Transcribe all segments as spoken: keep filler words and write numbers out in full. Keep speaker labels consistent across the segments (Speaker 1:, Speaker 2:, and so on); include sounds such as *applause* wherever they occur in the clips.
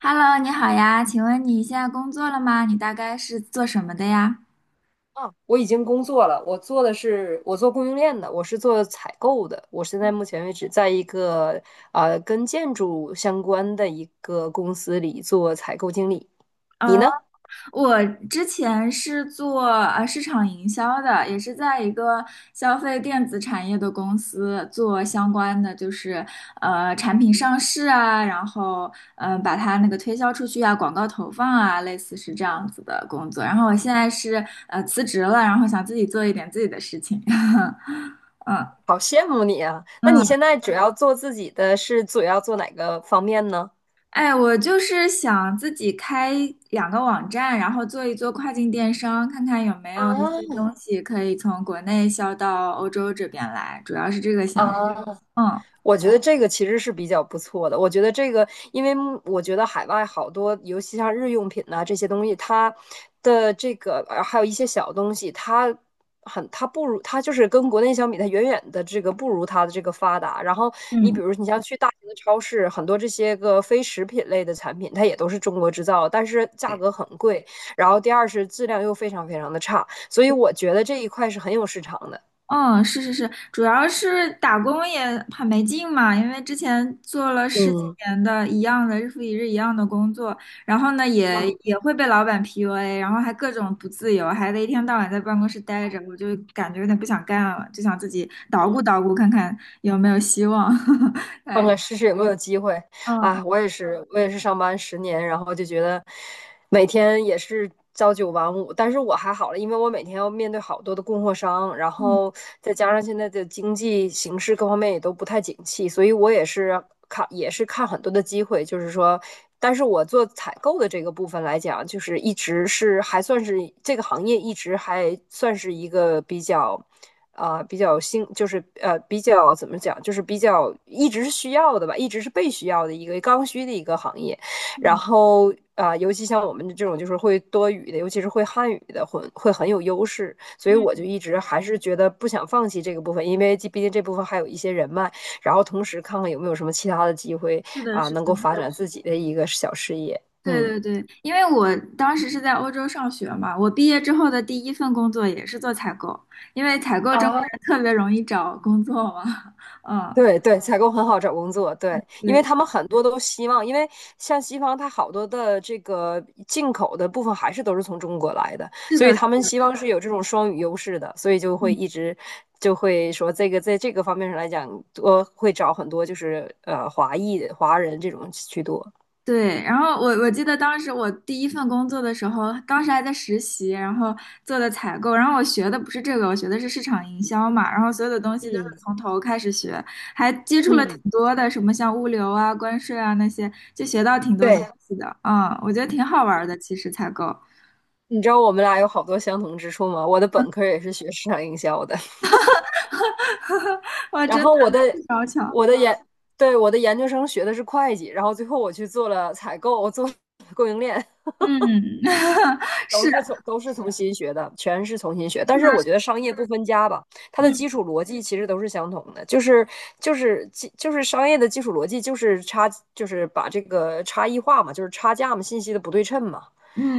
Speaker 1: Hello，你好呀，请问你现在工作了吗？你大概是做什么的呀？
Speaker 2: 啊，我已经工作了，我做的是我做供应链的，我是做采购的。我现在目前为止在一个呃跟建筑相关的一个公司里做采购经理。你
Speaker 1: 哦，
Speaker 2: 呢？
Speaker 1: 我之前是做呃市场营销的，也是在一个消费电子产业的公司做相关的，就是呃产品上市啊，然后嗯、呃把它那个推销出去啊，广告投放啊，类似是这样子的工作。然后我现在是呃辞职了，然后想自己做一点自己的事情。*laughs*
Speaker 2: 好羡慕你啊！那你
Speaker 1: 嗯。
Speaker 2: 现在主要做自己的是主要做哪个方面呢？
Speaker 1: 哎，我就是想自己开两个网站，然后做一做跨境电商，看看有没有一些
Speaker 2: 啊
Speaker 1: 东西可以从国内销到欧洲这边来，主要是这个想法。
Speaker 2: 啊！
Speaker 1: 嗯。
Speaker 2: 我觉得这个其实是比较不错的。我觉得这个，因为我觉得海外好多，尤其像日用品呐、这些东西，它的这个呃还有一些小东西，它很它不如它就是跟国内相比，它远远的这个不如它的这个发达。然后你
Speaker 1: 嗯
Speaker 2: 比如你像去大型的超市，很多这些个非食品类的产品，它也都是中国制造，但是价格很贵，然后第二是质量又非常非常的差，所以我觉得这一块是很有市场的。
Speaker 1: 嗯，是是是，主要是打工也很没劲嘛，因为之前做了十几
Speaker 2: 嗯，
Speaker 1: 年的一样的日复一日一样的工作，然后呢也也会被老板 P U A，然后还各种不自由，还得一天到晚在办公室待着，我就感觉有点不想干了，就想自己捣鼓捣鼓看看有没有希望。*laughs*
Speaker 2: 看看试试有没有机会。
Speaker 1: 嗯
Speaker 2: 啊！我也是，我也是上班十年，然后就觉得每天也是朝九晚五，但是我还好了，因为我每天要面对好多的供货商，然
Speaker 1: 嗯
Speaker 2: 后再加上现在的经济形势各方面也都不太景气，所以我也是看也是看很多的机会，就是说，但是我做采购的这个部分来讲，就是一直是还算是这个行业一直还算是一个比较。啊、呃比较新，就是呃比较怎么讲，就是比较一直是需要的吧，一直是被需要的一个刚需的一个行业。然
Speaker 1: 嗯
Speaker 2: 后啊、呃尤其像我们这种就是会多语的，尤其是会汉语的，会会很有优势。所以我就
Speaker 1: 嗯，
Speaker 2: 一直还是觉得不想放弃这个部分，因为毕竟这部分还有一些人脉，然后同时看看有没有什么其他的机会，
Speaker 1: 是的，
Speaker 2: 啊、
Speaker 1: 是
Speaker 2: 能够
Speaker 1: 的。
Speaker 2: 发展自己的一个小事业。
Speaker 1: 对
Speaker 2: 嗯。
Speaker 1: 对对，因为我当时是在欧洲上学嘛，我毕业之后的第一份工作也是做采购，因为采购中国人特别容易找工作嘛，*laughs* 嗯，
Speaker 2: 对对，采购很好找工作，对，因为
Speaker 1: 对，
Speaker 2: 他们很多都希望，因为像西方，它好多的这个进口的部分还是都是从中国来的，
Speaker 1: 是
Speaker 2: 所以
Speaker 1: 的，
Speaker 2: 他们希望是有这种双语优势的，所以就会
Speaker 1: 嗯
Speaker 2: 一直就会说这个在这个方面上来讲，多会找很多就是呃华裔华人这种居多。
Speaker 1: 对。然后我我记得当时我第一份工作的时候，当时还在实习，然后做的采购，然后我学的不是这个，我学的是市场营销嘛，然后所有的东西都是从头开始学，还接触了挺
Speaker 2: 嗯，
Speaker 1: 多的，什么像物流啊、关税啊那些，就学到挺多东
Speaker 2: 对，
Speaker 1: 西的，嗯，我觉得挺好玩儿的，其实采购。
Speaker 2: 你知道我们俩有好多相同之处吗？我的本科也是学市场营销的。
Speaker 1: 哇，
Speaker 2: 然
Speaker 1: 真的，
Speaker 2: 后我的
Speaker 1: 那是小巧，
Speaker 2: 我的研对，我的研究生学的是会计，然后最后我去做了采购，我做 *laughs* 供应链，
Speaker 1: 嗯。 *laughs*
Speaker 2: 都
Speaker 1: 是的，
Speaker 2: 是从都是重新学的，全是重新学。
Speaker 1: 是
Speaker 2: 但是
Speaker 1: 的。
Speaker 2: 我觉得商业不分家吧，它的
Speaker 1: 嗯
Speaker 2: 基础逻辑其实都是相同的，就是就是基就是商业的基础逻辑就是差就是把这个差异化嘛，就是差价嘛，信息的不对称嘛，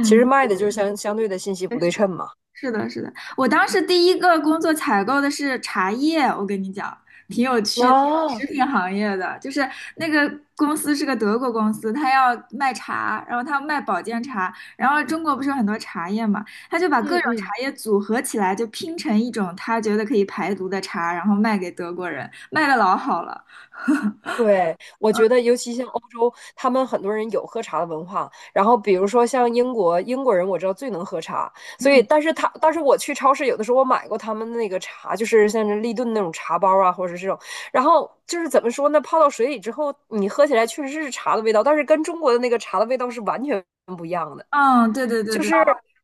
Speaker 2: 其实卖的就是相相对的信息不对称嘛。
Speaker 1: 是的，是的。我当时第一个工作采购的是茶叶，我跟你讲，挺有趣的，食
Speaker 2: 啊，
Speaker 1: 品行业的，就是那个公司是个德国公司，他要卖茶，然后他卖保健茶，然后中国不是有很多茶叶嘛，他就把各
Speaker 2: 嗯
Speaker 1: 种
Speaker 2: 嗯，
Speaker 1: 茶叶组合起来，就拼成一种他觉得可以排毒的茶，然后卖给德国人，卖的老好了。
Speaker 2: 对，我觉得尤其像欧洲，他们很多人有喝茶的文化。然后比如说像英国，英国人我知道最能喝茶，所以但是他，但是我去超市有的时候我买过他们那个茶，就是像是立顿那种茶包啊，或者是这种。然后就是怎么说呢，泡到水里之后，你喝起来确实是茶的味道，但是跟中国的那个茶的味道是完全不一样的。
Speaker 1: 嗯，对对对
Speaker 2: 就
Speaker 1: 对。
Speaker 2: 是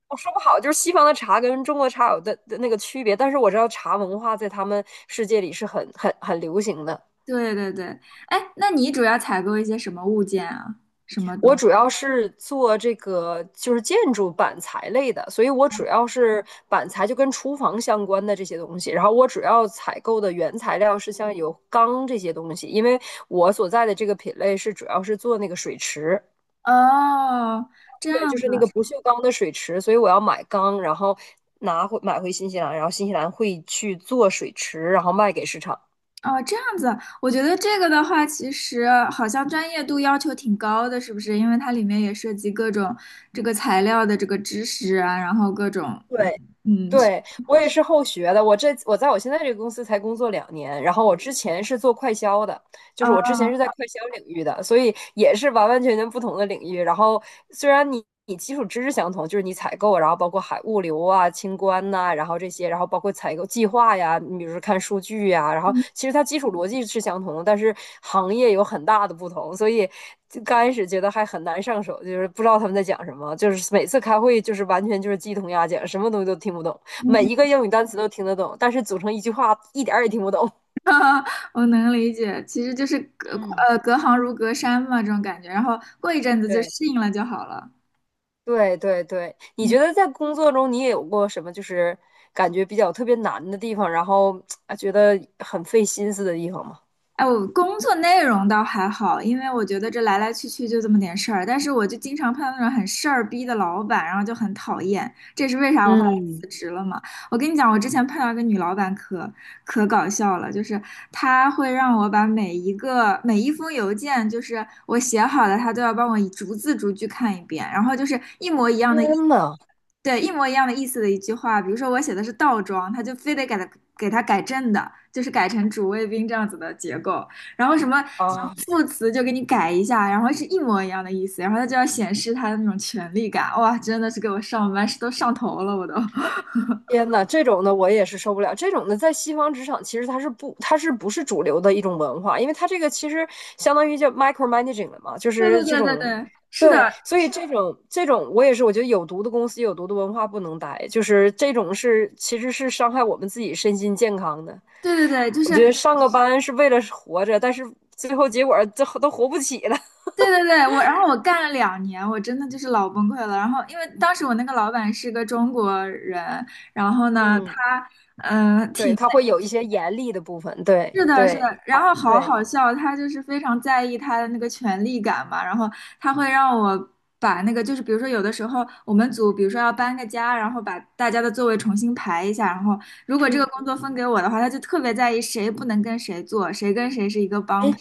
Speaker 2: 我说不好，就是西方的茶跟中国茶有的的那个区别，但是我知道茶文化在他们世界里是很很很流行的。
Speaker 1: 对对对，哎，那你主要采购一些什么物件啊？什么东
Speaker 2: 我
Speaker 1: 西？
Speaker 2: 主要是做这个就是建筑板材类的，所以我主要是板材就跟厨房相关的这些东西。然后我主要采购的原材料是像有钢这些东西，因为我所在的这个品类是主要是做那个水池，
Speaker 1: 哦，这
Speaker 2: 对，
Speaker 1: 样
Speaker 2: 就是那
Speaker 1: 子。
Speaker 2: 个不锈钢的水池，所以我要买钢，然后拿回买回新西兰，然后新西兰会去做水池，然后卖给市场。
Speaker 1: 哦，这样子，我觉得这个的话，其实好像专业度要求挺高的，是不是？因为它里面也涉及各种这个材料的这个知识啊，然后各种，嗯。
Speaker 2: 对，
Speaker 1: 嗯，
Speaker 2: 对，我也是后学的。我这我在我现在这个公司才工作两年，然后我之前是做快销的，就
Speaker 1: 啊，
Speaker 2: 是我之前是
Speaker 1: 哦，
Speaker 2: 在快销领域的，所以也是完完全全不同的领域。然后虽然你你基础知识相同，就是你采购，然后包括海物流啊、清关呐、然后这些，然后包括采购计划呀，你比如说看数据呀，然后
Speaker 1: 嗯
Speaker 2: 其实它基础逻辑是相同的，但是行业有很大的不同，所以就刚开始觉得还很难上手，就是不知道他们在讲什么，就是每次开会就是完全就是鸡同鸭讲，什么东西都听不懂。每一个英语单词都听得懂，但是组成一句话一点儿也听不懂。*laughs*
Speaker 1: 嗯。*laughs* 我能理解，其实就是隔
Speaker 2: 嗯，
Speaker 1: 呃隔行如隔山嘛，这种感觉，然后过一阵子就适
Speaker 2: 对
Speaker 1: 应了就好了。
Speaker 2: 对对对，你
Speaker 1: 嗯。
Speaker 2: 觉得在工作中你也有过什么就是感觉比较特别难的地方，然后啊觉得很费心思的地方吗？
Speaker 1: 哎，我工作内容倒还好，因为我觉得这来来去去就这么点事儿，但是我就经常碰到那种很事儿逼的老板，然后就很讨厌。这是为啥我后来辞
Speaker 2: 嗯，
Speaker 1: 职了嘛？我跟你讲，我之前碰到一个女老板可可搞笑了，就是她会让我把每一个每一封邮件，就是我写好的，她都要帮我逐字逐句看一遍，然后就是一模一样的意，
Speaker 2: 天呐，
Speaker 1: 对，一模一样的意思的一句话，比如说我写的是倒装，她就非得给它给它改正的，就是改成主谓宾这样子的结构，然后什么
Speaker 2: 啊！
Speaker 1: 副词就给你改一下，然后是一模一样的意思，然后她就要显示她的那种权力感，哇，真的是给我上班是都上头了，我都。
Speaker 2: 天呐，这种的我也是受不了。这种的在西方职场其实它是不，它是不是主流的一种文化？因为它这个其实相当于叫 micromanaging 了嘛，就
Speaker 1: 对对
Speaker 2: 是这
Speaker 1: 对对
Speaker 2: 种，
Speaker 1: 对，是的，
Speaker 2: 对，所以这种这种我也是，我觉得有毒的公司有毒的文化不能待，就是这种是其实是伤害我们自己身心健康的。
Speaker 1: 对对对，就是
Speaker 2: 我觉得上个班是为了活着，但是最后结果儿最后都活不起了。*laughs*
Speaker 1: 对对对，我然后我干了两年，我真的就是老崩溃了。然后因为当时我那个老板是个中国人，然后呢，
Speaker 2: 嗯，
Speaker 1: 他嗯、呃
Speaker 2: 对，
Speaker 1: 挺
Speaker 2: 它会有一些严厉的部分，对
Speaker 1: 是的，是的，
Speaker 2: 对
Speaker 1: 然后好
Speaker 2: 对，
Speaker 1: 好笑，他就是非常在意他的那个权力感嘛，然后他会让我把那个，就是比如说有的时候我们组，比如说要搬个家，然后把大家的座位重新排一下，然后如果这个
Speaker 2: 嗯，
Speaker 1: 工作分给我的话，他就特别在意谁不能跟谁坐，谁跟谁是一个帮
Speaker 2: 哎，
Speaker 1: 派，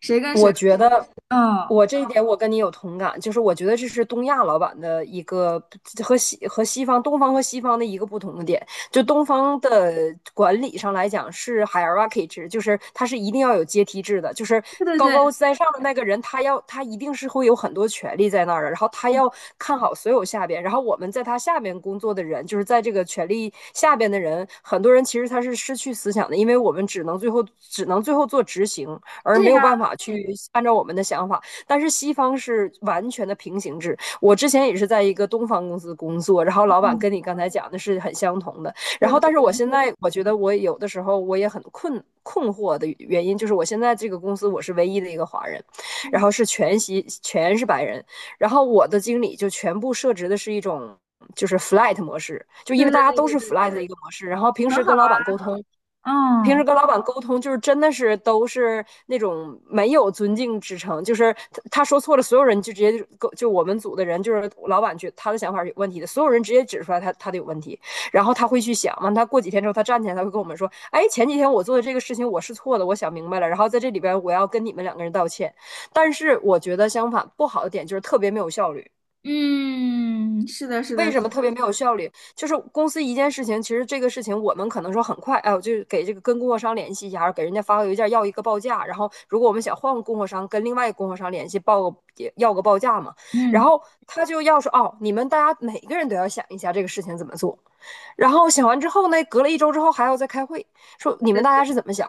Speaker 1: 谁跟谁，
Speaker 2: 我觉得。
Speaker 1: 嗯，
Speaker 2: 我这一点我跟你有同感，就是我觉得这是东亚老板的一个和西和西方、东方和西方的一个不同的点。就东方的管理上来讲是 hierarchy 制，就是它是一定要有阶梯制的，就是
Speaker 1: 对对
Speaker 2: 高高
Speaker 1: 对，
Speaker 2: 在上的那个人，他要他一定是会有很多权利在那儿的，然后他要看好所有下边，然后我们在他下边工作的人，就是在这个权力下边的人，很多人其实他是失去思想的，因为我们只能最后只能最后做执行，而
Speaker 1: 是
Speaker 2: 没有
Speaker 1: 呀，
Speaker 2: 办法去按照我们的想法。但是西方是完全的平行制。我之前也是在一个东方公司工作，然后老板
Speaker 1: 嗯，
Speaker 2: 跟你刚才讲的是很相同的。然
Speaker 1: 对
Speaker 2: 后，但
Speaker 1: 对
Speaker 2: 是我
Speaker 1: 对，
Speaker 2: 现在我觉得我有的时候我也很困困惑的原因，就是我现在这个公司我是唯一的一个华人，然
Speaker 1: 嗯，
Speaker 2: 后是全西全是白人，然后我的经理就全部设置的是一种。就是 flat 模式，就因
Speaker 1: 对
Speaker 2: 为
Speaker 1: 对
Speaker 2: 大家
Speaker 1: 对
Speaker 2: 都
Speaker 1: 对
Speaker 2: 是
Speaker 1: 对，
Speaker 2: flat 的一个模式，然后平
Speaker 1: 很
Speaker 2: 时
Speaker 1: 好，
Speaker 2: 跟老板沟通平时
Speaker 1: 嗯
Speaker 2: 跟老板沟通，就是真的是都是那种没有尊敬之城，就是他他说错了，所有人就直接就就我们组的人，就是老板觉得他的想法是有问题的，所有人直接指出来他他的有问题，然后他会去想嘛，完他过几天之后，他站起来，他会跟我们说，哎，前几天我做的这个事情我是错的，我想明白了，然后在这里边我要跟你们两个人道歉。但是我觉得相反，不好的点就是特别没有效率。
Speaker 1: 嗯，是的，是
Speaker 2: 为
Speaker 1: 的，
Speaker 2: 什么特别没有效率？就是公司一件事情，其实这个事情我们可能说很快，哎，我就给这个跟供货商联系一下，然后给人家发个邮件要一个报价，然后如果我们想换个供货商，跟另外一个供货商联系报个要个报价嘛，然
Speaker 1: 嗯。
Speaker 2: 后他就要说，哦，你们大家每个人都要想一下这个事情怎么做，然后想完之后呢，隔了一周之后还要再开会，说你们大家是怎么想，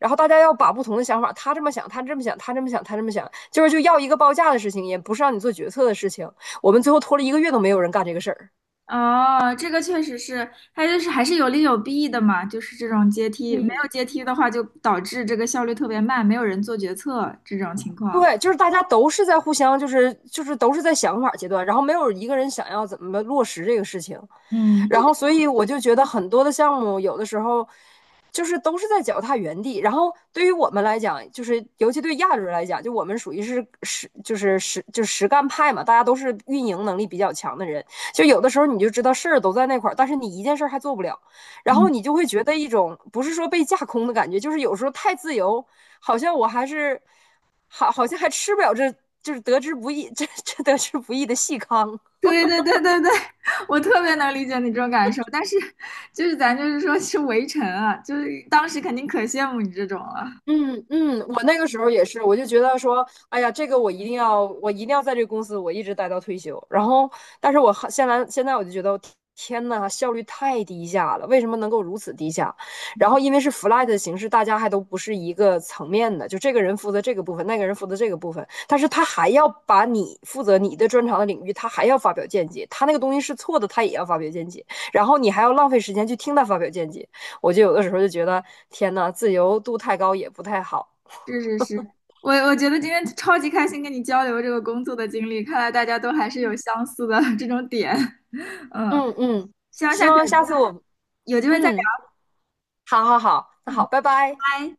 Speaker 2: 然后大家要把不同的想法，他这么想，他这么想，他这么想，他这么想，就是就要一个报价的事情，也不是让你做决策的事情。我们最后拖了一个月都没有人干这个事儿。
Speaker 1: 哦，这个确实是，它就是还是有利有弊的嘛，就是这种阶梯，没
Speaker 2: 嗯，
Speaker 1: 有阶梯的话，就导致这个效率特别慢，没有人做决策这种情况。
Speaker 2: 对，就是大家都是在互相，就是就是都是在想法阶段，然后没有一个人想要怎么落实这个事情，
Speaker 1: 嗯，这
Speaker 2: 然
Speaker 1: 个，
Speaker 2: 后所以我就觉得很多的项目有的时候就是都是在脚踏原地，然后对于我们来讲，就是尤其对亚洲人来讲，就我们属于是实就是实就是实干派嘛，大家都是运营能力比较强的人，就有的时候你就知道事儿都在那块儿，但是你一件事儿还做不了，然后
Speaker 1: 嗯，
Speaker 2: 你就会觉得一种不是说被架空的感觉，就是有时候太自由，好像我还是。好好像还吃不了这，就是得之不易，这这得之不易的细糠。
Speaker 1: 对对对对对，*laughs* 我特别能理解你这种感受，但是就是咱就是说是围城啊，就是当时肯定可羡慕你这种了。
Speaker 2: 嗯嗯，我那个时候也是，我就觉得说，哎呀，这个我一定要，我一定要在这个公司我一直待到退休。然后，但是我还现在现在我就觉得，天呐，效率太低下了，为什么能够如此低下？然后因为是 flat 的形式，大家还都不是一个层面的，就这个人负责这个部分，那个人负责这个部分，但是他还要把你负责你的专长的领域，他还要发表见解，他那个东西是错的，他也要发表见解，然后你还要浪费时间去听他发表见解。我就有的时候就觉得，天呐，自由度太高也不太好。
Speaker 1: 是是是，我我觉得今天超级开心跟你交流这个工作的经历，看来大家都还是有相似的 *laughs* 这种点。*laughs* 嗯，
Speaker 2: 嗯嗯，
Speaker 1: 希望
Speaker 2: 希
Speaker 1: 下次
Speaker 2: 望
Speaker 1: 有
Speaker 2: 下次
Speaker 1: 机
Speaker 2: 我，
Speaker 1: 有机会再聊。
Speaker 2: 嗯，好好好，那好，
Speaker 1: 嗯，
Speaker 2: 拜拜。
Speaker 1: 拜。